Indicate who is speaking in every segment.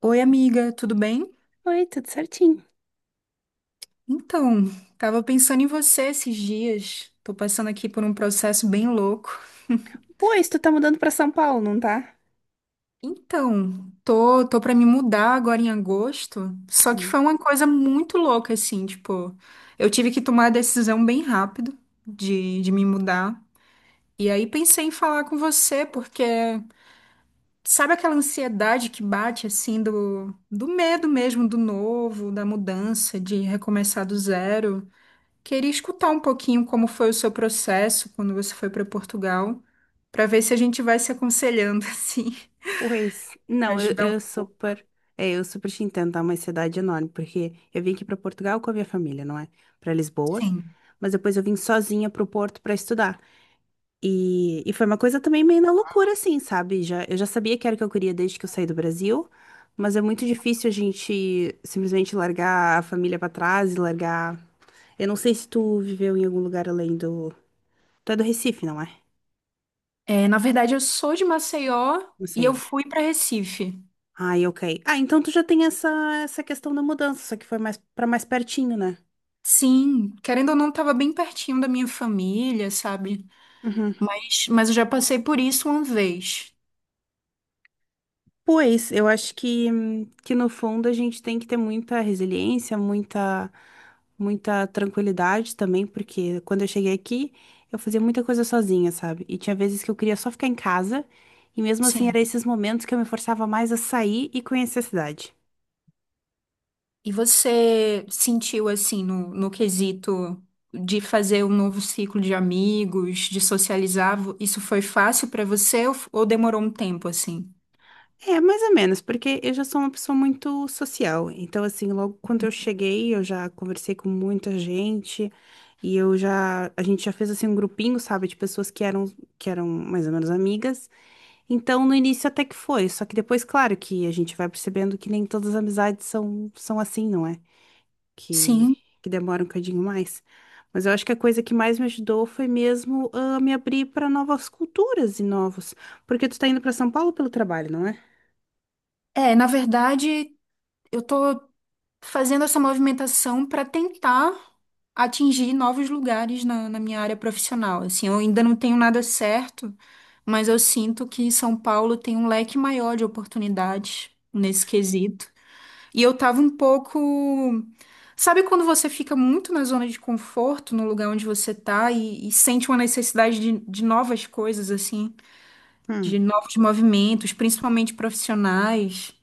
Speaker 1: Oi, amiga, tudo bem?
Speaker 2: Oi, tudo certinho.
Speaker 1: Então, Tava pensando em você esses dias. Tô passando aqui por um processo bem louco.
Speaker 2: Pois, tu tá mudando pra São Paulo, não tá?
Speaker 1: Então, tô para me mudar agora em agosto, só que
Speaker 2: Hum.
Speaker 1: foi uma coisa muito louca assim, tipo, eu tive que tomar a decisão bem rápido de me mudar. E aí pensei em falar com você, porque sabe aquela ansiedade que bate assim do medo mesmo do novo, da mudança, de recomeçar do zero? Queria escutar um pouquinho como foi o seu processo quando você foi para Portugal, para ver se a gente vai se aconselhando assim,
Speaker 2: Pois, não, eu,
Speaker 1: ajudar um.
Speaker 2: eu super. É, eu super te entendo, tá? Uma cidade enorme, porque eu vim aqui pra Portugal com a minha família, não é? Pra Lisboa.
Speaker 1: Sim.
Speaker 2: Mas depois eu vim sozinha pro Porto pra estudar. E foi uma coisa também meio na loucura, assim, sabe? Já, eu já sabia que era o que eu queria desde que eu saí do Brasil, mas é muito difícil a gente simplesmente largar a família pra trás e largar. Eu não sei se tu viveu em algum lugar além do. Tu é do Recife, não é?
Speaker 1: É, na verdade, eu sou de Maceió
Speaker 2: Não
Speaker 1: e
Speaker 2: sei.
Speaker 1: eu fui para Recife.
Speaker 2: Ai, ok. Ah, então tu já tem essa, essa questão da mudança, só que foi mais para mais pertinho, né?
Speaker 1: Sim, querendo ou não, estava bem pertinho da minha família, sabe?
Speaker 2: Uhum.
Speaker 1: Mas eu já passei por isso uma vez.
Speaker 2: Pois, eu acho que no fundo a gente tem que ter muita resiliência, muita, muita tranquilidade também, porque quando eu cheguei aqui, eu fazia muita coisa sozinha, sabe? E tinha vezes que eu queria só ficar em casa, e mesmo assim
Speaker 1: Sim.
Speaker 2: eram esses momentos que eu me forçava mais a sair e conhecer a cidade.
Speaker 1: E você sentiu assim no quesito de fazer um novo ciclo de amigos, de socializar, isso foi fácil para você ou, ou demorou um tempo assim?
Speaker 2: É, mais ou menos, porque eu já sou uma pessoa muito social. Então, assim, logo quando eu cheguei, eu já conversei com muita gente e eu já, a gente já fez assim um grupinho, sabe, de pessoas que eram mais ou menos amigas. Então, no início até que foi, só que depois, claro, que a gente vai percebendo que nem todas as amizades são assim, não é? Que
Speaker 1: Sim.
Speaker 2: que demora um bocadinho mais. Mas eu acho que a coisa que mais me ajudou foi mesmo me abrir para novas culturas e novos, porque tu tá indo para São Paulo pelo trabalho, não é?
Speaker 1: É, na verdade, eu tô fazendo essa movimentação para tentar atingir novos lugares na minha área profissional. Assim, eu ainda não tenho nada certo, mas eu sinto que São Paulo tem um leque maior de oportunidades nesse quesito. E eu tava um pouco. Sabe quando você fica muito na zona de conforto, no lugar onde você tá, e sente uma necessidade de novas coisas, assim,
Speaker 2: Hum.
Speaker 1: de novos movimentos, principalmente profissionais?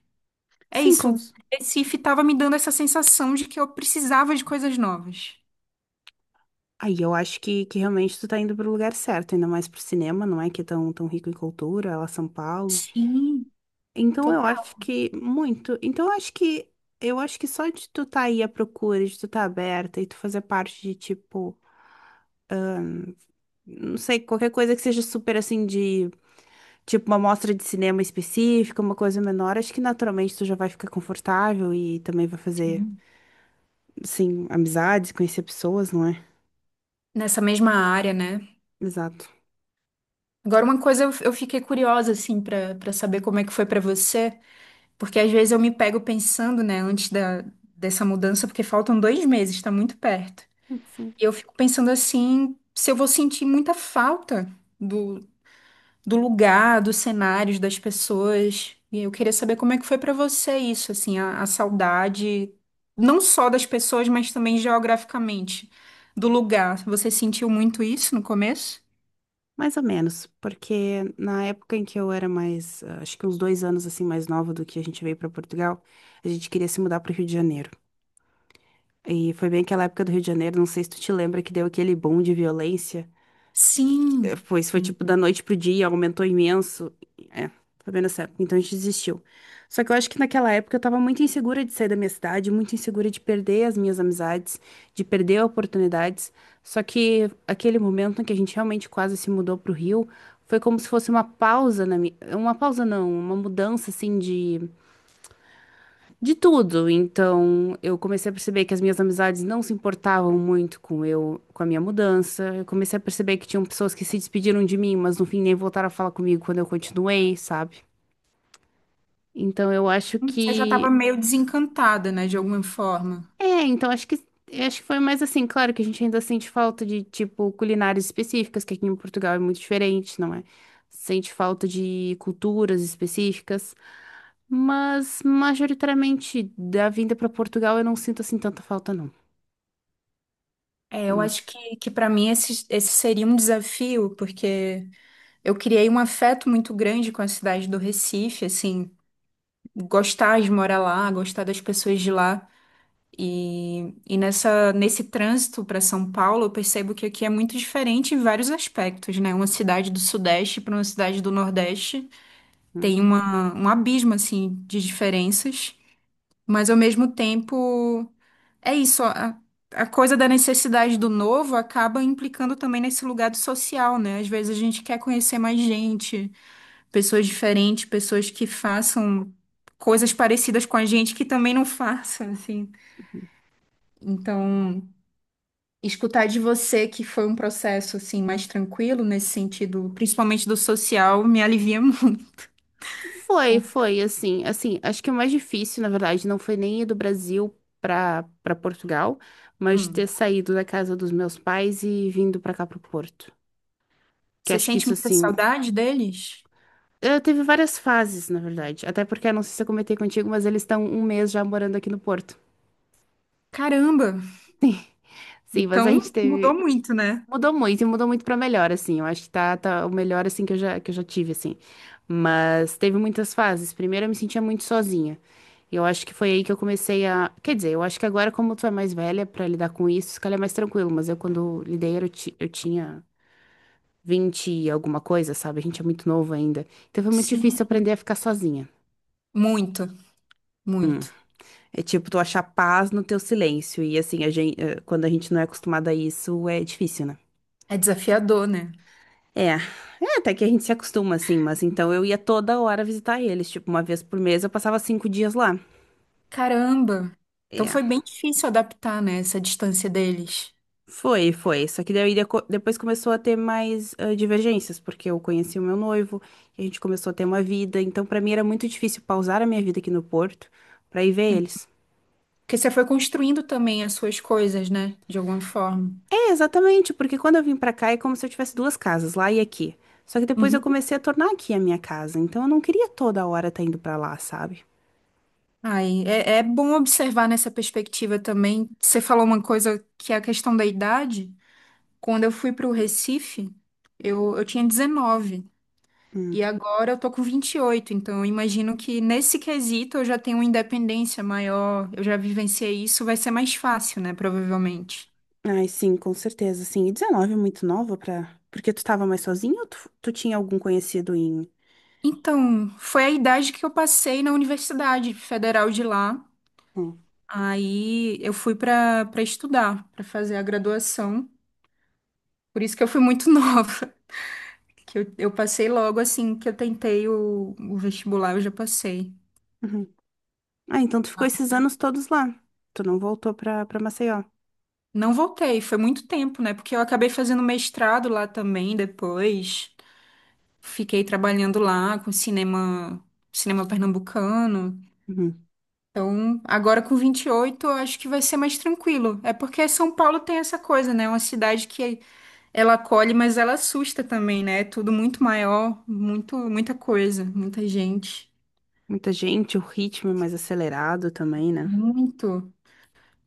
Speaker 1: É
Speaker 2: Sim,
Speaker 1: isso.
Speaker 2: cons.
Speaker 1: Recife tava me dando essa sensação de que eu precisava de coisas novas.
Speaker 2: Aí eu acho que realmente tu tá indo pro lugar certo, ainda mais pro cinema, não é? Que é tão, tão rico em cultura, lá São Paulo.
Speaker 1: Sim,
Speaker 2: Então eu
Speaker 1: total.
Speaker 2: acho que muito. Então eu acho que só de tu tá aí à procura, de tu tá aberta e tu fazer parte de tipo, não sei, qualquer coisa que seja super assim de tipo uma mostra de cinema específica, uma coisa menor, acho que naturalmente tu já vai ficar confortável e também vai fazer, assim, amizades, conhecer pessoas, não é?
Speaker 1: Nessa mesma área, né?
Speaker 2: Exato.
Speaker 1: Agora, uma coisa eu fiquei curiosa, assim, pra para saber como é que foi pra você. Porque às vezes eu me pego pensando, né, antes dessa mudança, porque faltam dois meses, tá muito perto.
Speaker 2: Sim.
Speaker 1: E eu fico pensando assim, se eu vou sentir muita falta do, do lugar, dos cenários, das pessoas. E eu queria saber como é que foi pra você isso, assim, a saudade, não só das pessoas, mas também geograficamente, do lugar. Você sentiu muito isso no começo?
Speaker 2: Mais ou menos, porque na época em que eu era mais, acho que uns dois anos assim mais nova do que a gente veio para Portugal, a gente queria se mudar para o Rio de Janeiro. E foi bem aquela época do Rio de Janeiro, não sei se tu te lembra que deu aquele boom de violência. É,
Speaker 1: Sim.
Speaker 2: Isso foi
Speaker 1: Sim.
Speaker 2: tipo da noite pro dia, aumentou imenso. É, foi bem nessa época, então a gente desistiu. Só que eu acho que naquela época eu tava muito insegura de sair da minha cidade, muito insegura de perder as minhas amizades, de perder oportunidades. Só que aquele momento em que a gente realmente quase se mudou pro Rio, foi como se fosse uma pausa na minha, uma pausa não, uma mudança assim de tudo. Então, eu comecei a perceber que as minhas amizades não se importavam muito com eu, com a minha mudança. Eu comecei a perceber que tinham pessoas que se despediram de mim, mas no fim nem voltaram a falar comigo quando eu continuei, sabe? Então, eu acho
Speaker 1: Você já estava
Speaker 2: que
Speaker 1: meio desencantada, né, de alguma forma.
Speaker 2: é, então acho que foi mais assim, claro que a gente ainda sente falta de tipo culinárias específicas, que aqui em Portugal é muito diferente, não é? Sente falta de culturas específicas, mas majoritariamente da vinda para Portugal eu não sinto assim tanta falta, não.
Speaker 1: É, eu acho que para mim esse seria um desafio, porque eu criei um afeto muito grande com a cidade do Recife, assim, gostar de morar lá, gostar das pessoas de lá. E nesse trânsito para São Paulo, eu percebo que aqui é muito diferente em vários aspectos, né? Uma cidade do Sudeste para uma cidade do Nordeste
Speaker 2: Não.
Speaker 1: tem um abismo, assim, de diferenças, mas ao mesmo tempo. É isso, a coisa da necessidade do novo acaba implicando também nesse lugar do social, né? Às vezes a gente quer conhecer mais gente, pessoas diferentes, pessoas que façam coisas parecidas com a gente que também não façam, assim. Então, escutar de você que foi um processo assim mais tranquilo nesse sentido, principalmente do social, me alivia
Speaker 2: Foi,
Speaker 1: muito.
Speaker 2: foi, assim, assim, acho que o mais difícil, na verdade, não foi nem ir do Brasil para Portugal, mas ter
Speaker 1: Hum.
Speaker 2: saído da casa dos meus pais e vindo para cá pro Porto. Que
Speaker 1: Você
Speaker 2: acho que
Speaker 1: sente
Speaker 2: isso,
Speaker 1: muita
Speaker 2: assim,
Speaker 1: saudade deles?
Speaker 2: eu teve várias fases, na verdade, até porque, eu não sei se eu comentei contigo, mas eles estão um mês já morando aqui no Porto.
Speaker 1: Caramba,
Speaker 2: Sim, mas a
Speaker 1: então
Speaker 2: gente
Speaker 1: mudou
Speaker 2: teve.
Speaker 1: muito, né?
Speaker 2: Mudou muito e mudou muito pra melhor, assim. Eu acho que tá, tá o melhor, assim, que eu já tive, assim. Mas teve muitas fases. Primeiro eu me sentia muito sozinha. E eu acho que foi aí que eu comecei a. Quer dizer, eu acho que agora, como tu é mais velha pra lidar com isso, se calhar é mais tranquilo. Mas eu, quando lidei, eu, eu tinha 20 e alguma coisa, sabe? A gente é muito novo ainda. Então foi muito
Speaker 1: Sim,
Speaker 2: difícil aprender a ficar sozinha.
Speaker 1: muito, muito.
Speaker 2: É tipo tu achar paz no teu silêncio. E assim, a gente, quando a gente não é acostumado a isso, é difícil, né?
Speaker 1: É desafiador, né?
Speaker 2: É, é, até que a gente se acostuma assim, mas então eu ia toda hora visitar eles, tipo, uma vez por mês eu passava cinco dias lá.
Speaker 1: Caramba! Então
Speaker 2: É,
Speaker 1: foi bem difícil adaptar, né, essa distância deles.
Speaker 2: foi, foi. Só que daí depois começou a ter mais divergências, porque eu conheci o meu noivo, e a gente começou a ter uma vida, então pra mim era muito difícil pausar a minha vida aqui no Porto pra ir ver
Speaker 1: Hum.
Speaker 2: eles.
Speaker 1: Porque você foi construindo também as suas coisas, né? De alguma forma.
Speaker 2: É, exatamente, porque quando eu vim pra cá é como se eu tivesse duas casas, lá e aqui. Só que depois eu
Speaker 1: Uhum.
Speaker 2: comecei a tornar aqui a minha casa, então eu não queria toda hora estar indo pra lá, sabe?
Speaker 1: Aí, é bom observar nessa perspectiva também. Você falou uma coisa que é a questão da idade. Quando eu fui para o Recife, eu tinha 19. E
Speaker 2: Hum.
Speaker 1: agora eu tô com 28. Então, eu imagino que nesse quesito eu já tenho uma independência maior. Eu já vivenciei isso, vai ser mais fácil, né? Provavelmente.
Speaker 2: Ai, sim, com certeza, sim. E 19 é muito nova pra. Porque tu tava mais sozinho ou tu, tu tinha algum conhecido em.
Speaker 1: Então, foi a idade que eu passei na Universidade Federal de lá.
Speaker 2: Hum.
Speaker 1: Aí eu fui para estudar, para fazer a graduação. Por isso que eu fui muito nova, que eu passei logo assim que eu tentei o vestibular, eu já passei.
Speaker 2: Uhum. Ah, então tu ficou esses anos todos lá. Tu não voltou pra, pra Maceió.
Speaker 1: Não voltei, foi muito tempo, né? Porque eu acabei fazendo mestrado lá também depois. Fiquei trabalhando lá com cinema, cinema pernambucano.
Speaker 2: Uhum.
Speaker 1: Então, agora com 28, eu acho que vai ser mais tranquilo. É porque São Paulo tem essa coisa, né? É uma cidade que ela acolhe, mas ela assusta também, né? É tudo muito maior, muito, muita coisa, muita gente.
Speaker 2: Muita gente, o ritmo é mais acelerado também, né?
Speaker 1: Muito.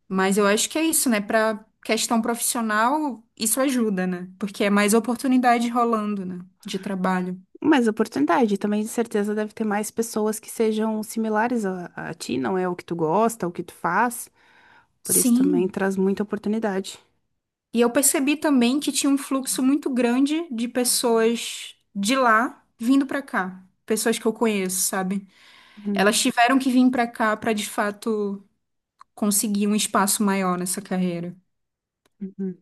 Speaker 1: Mas eu acho que é isso, né? Para questão profissional, isso ajuda, né? Porque é mais oportunidade rolando, né? De trabalho.
Speaker 2: Mais oportunidade, também de certeza deve ter mais pessoas que sejam similares a ti, não é o que tu gosta, é o que tu faz. Por isso também
Speaker 1: Sim.
Speaker 2: traz muita oportunidade.
Speaker 1: E eu percebi também que tinha um fluxo muito grande de pessoas de lá vindo pra cá. Pessoas que eu conheço, sabe?
Speaker 2: Uhum.
Speaker 1: Elas tiveram que vir pra cá pra de fato conseguir um espaço maior nessa carreira.
Speaker 2: Uhum.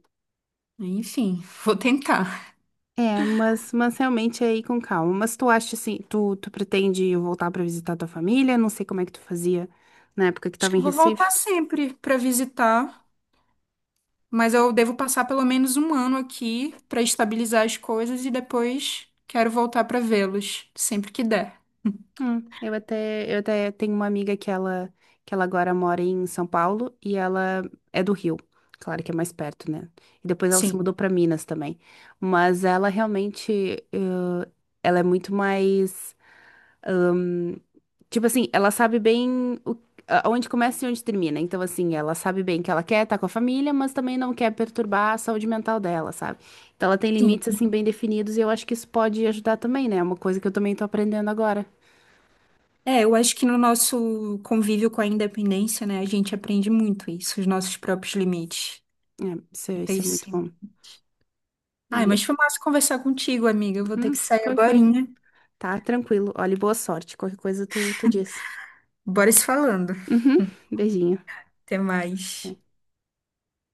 Speaker 1: Enfim, vou tentar.
Speaker 2: É, mas realmente é aí com calma. Mas tu acha assim, tu, tu pretende voltar pra visitar tua família? Não sei como é que tu fazia na época que
Speaker 1: Acho
Speaker 2: tava
Speaker 1: que
Speaker 2: em
Speaker 1: eu vou voltar
Speaker 2: Recife.
Speaker 1: sempre pra visitar, mas eu devo passar pelo menos um ano aqui pra estabilizar as coisas e depois quero voltar pra vê-los sempre que der.
Speaker 2: Eu até tenho uma amiga que ela agora mora em São Paulo e ela é do Rio. Claro que é mais perto, né? E depois ela se
Speaker 1: Sim,
Speaker 2: mudou pra Minas também. Mas ela realmente, eh, ela é muito mais hum, tipo assim, ela sabe bem onde começa e onde termina. Então, assim, ela sabe bem que ela quer estar com a família, mas também não quer perturbar a saúde mental dela, sabe? Então, ela tem
Speaker 1: sim.
Speaker 2: limites, assim, bem definidos e eu acho que isso pode ajudar também, né? É uma coisa que eu também tô aprendendo agora.
Speaker 1: É, eu acho que no nosso convívio com a independência, né, a gente aprende muito isso, os nossos próprios limites.
Speaker 2: É, isso, é
Speaker 1: Então,
Speaker 2: isso é
Speaker 1: isso
Speaker 2: muito bom.
Speaker 1: sempre. Ai,
Speaker 2: Olha,
Speaker 1: mas foi massa conversar contigo, amiga. Eu vou ter
Speaker 2: uhum,
Speaker 1: que sair
Speaker 2: foi,
Speaker 1: agora.
Speaker 2: foi. Tá, tranquilo. Olha, e boa sorte. Qualquer coisa tu, tu diz.
Speaker 1: Bora se falando.
Speaker 2: Uhum, beijinho.
Speaker 1: Até mais.
Speaker 2: É.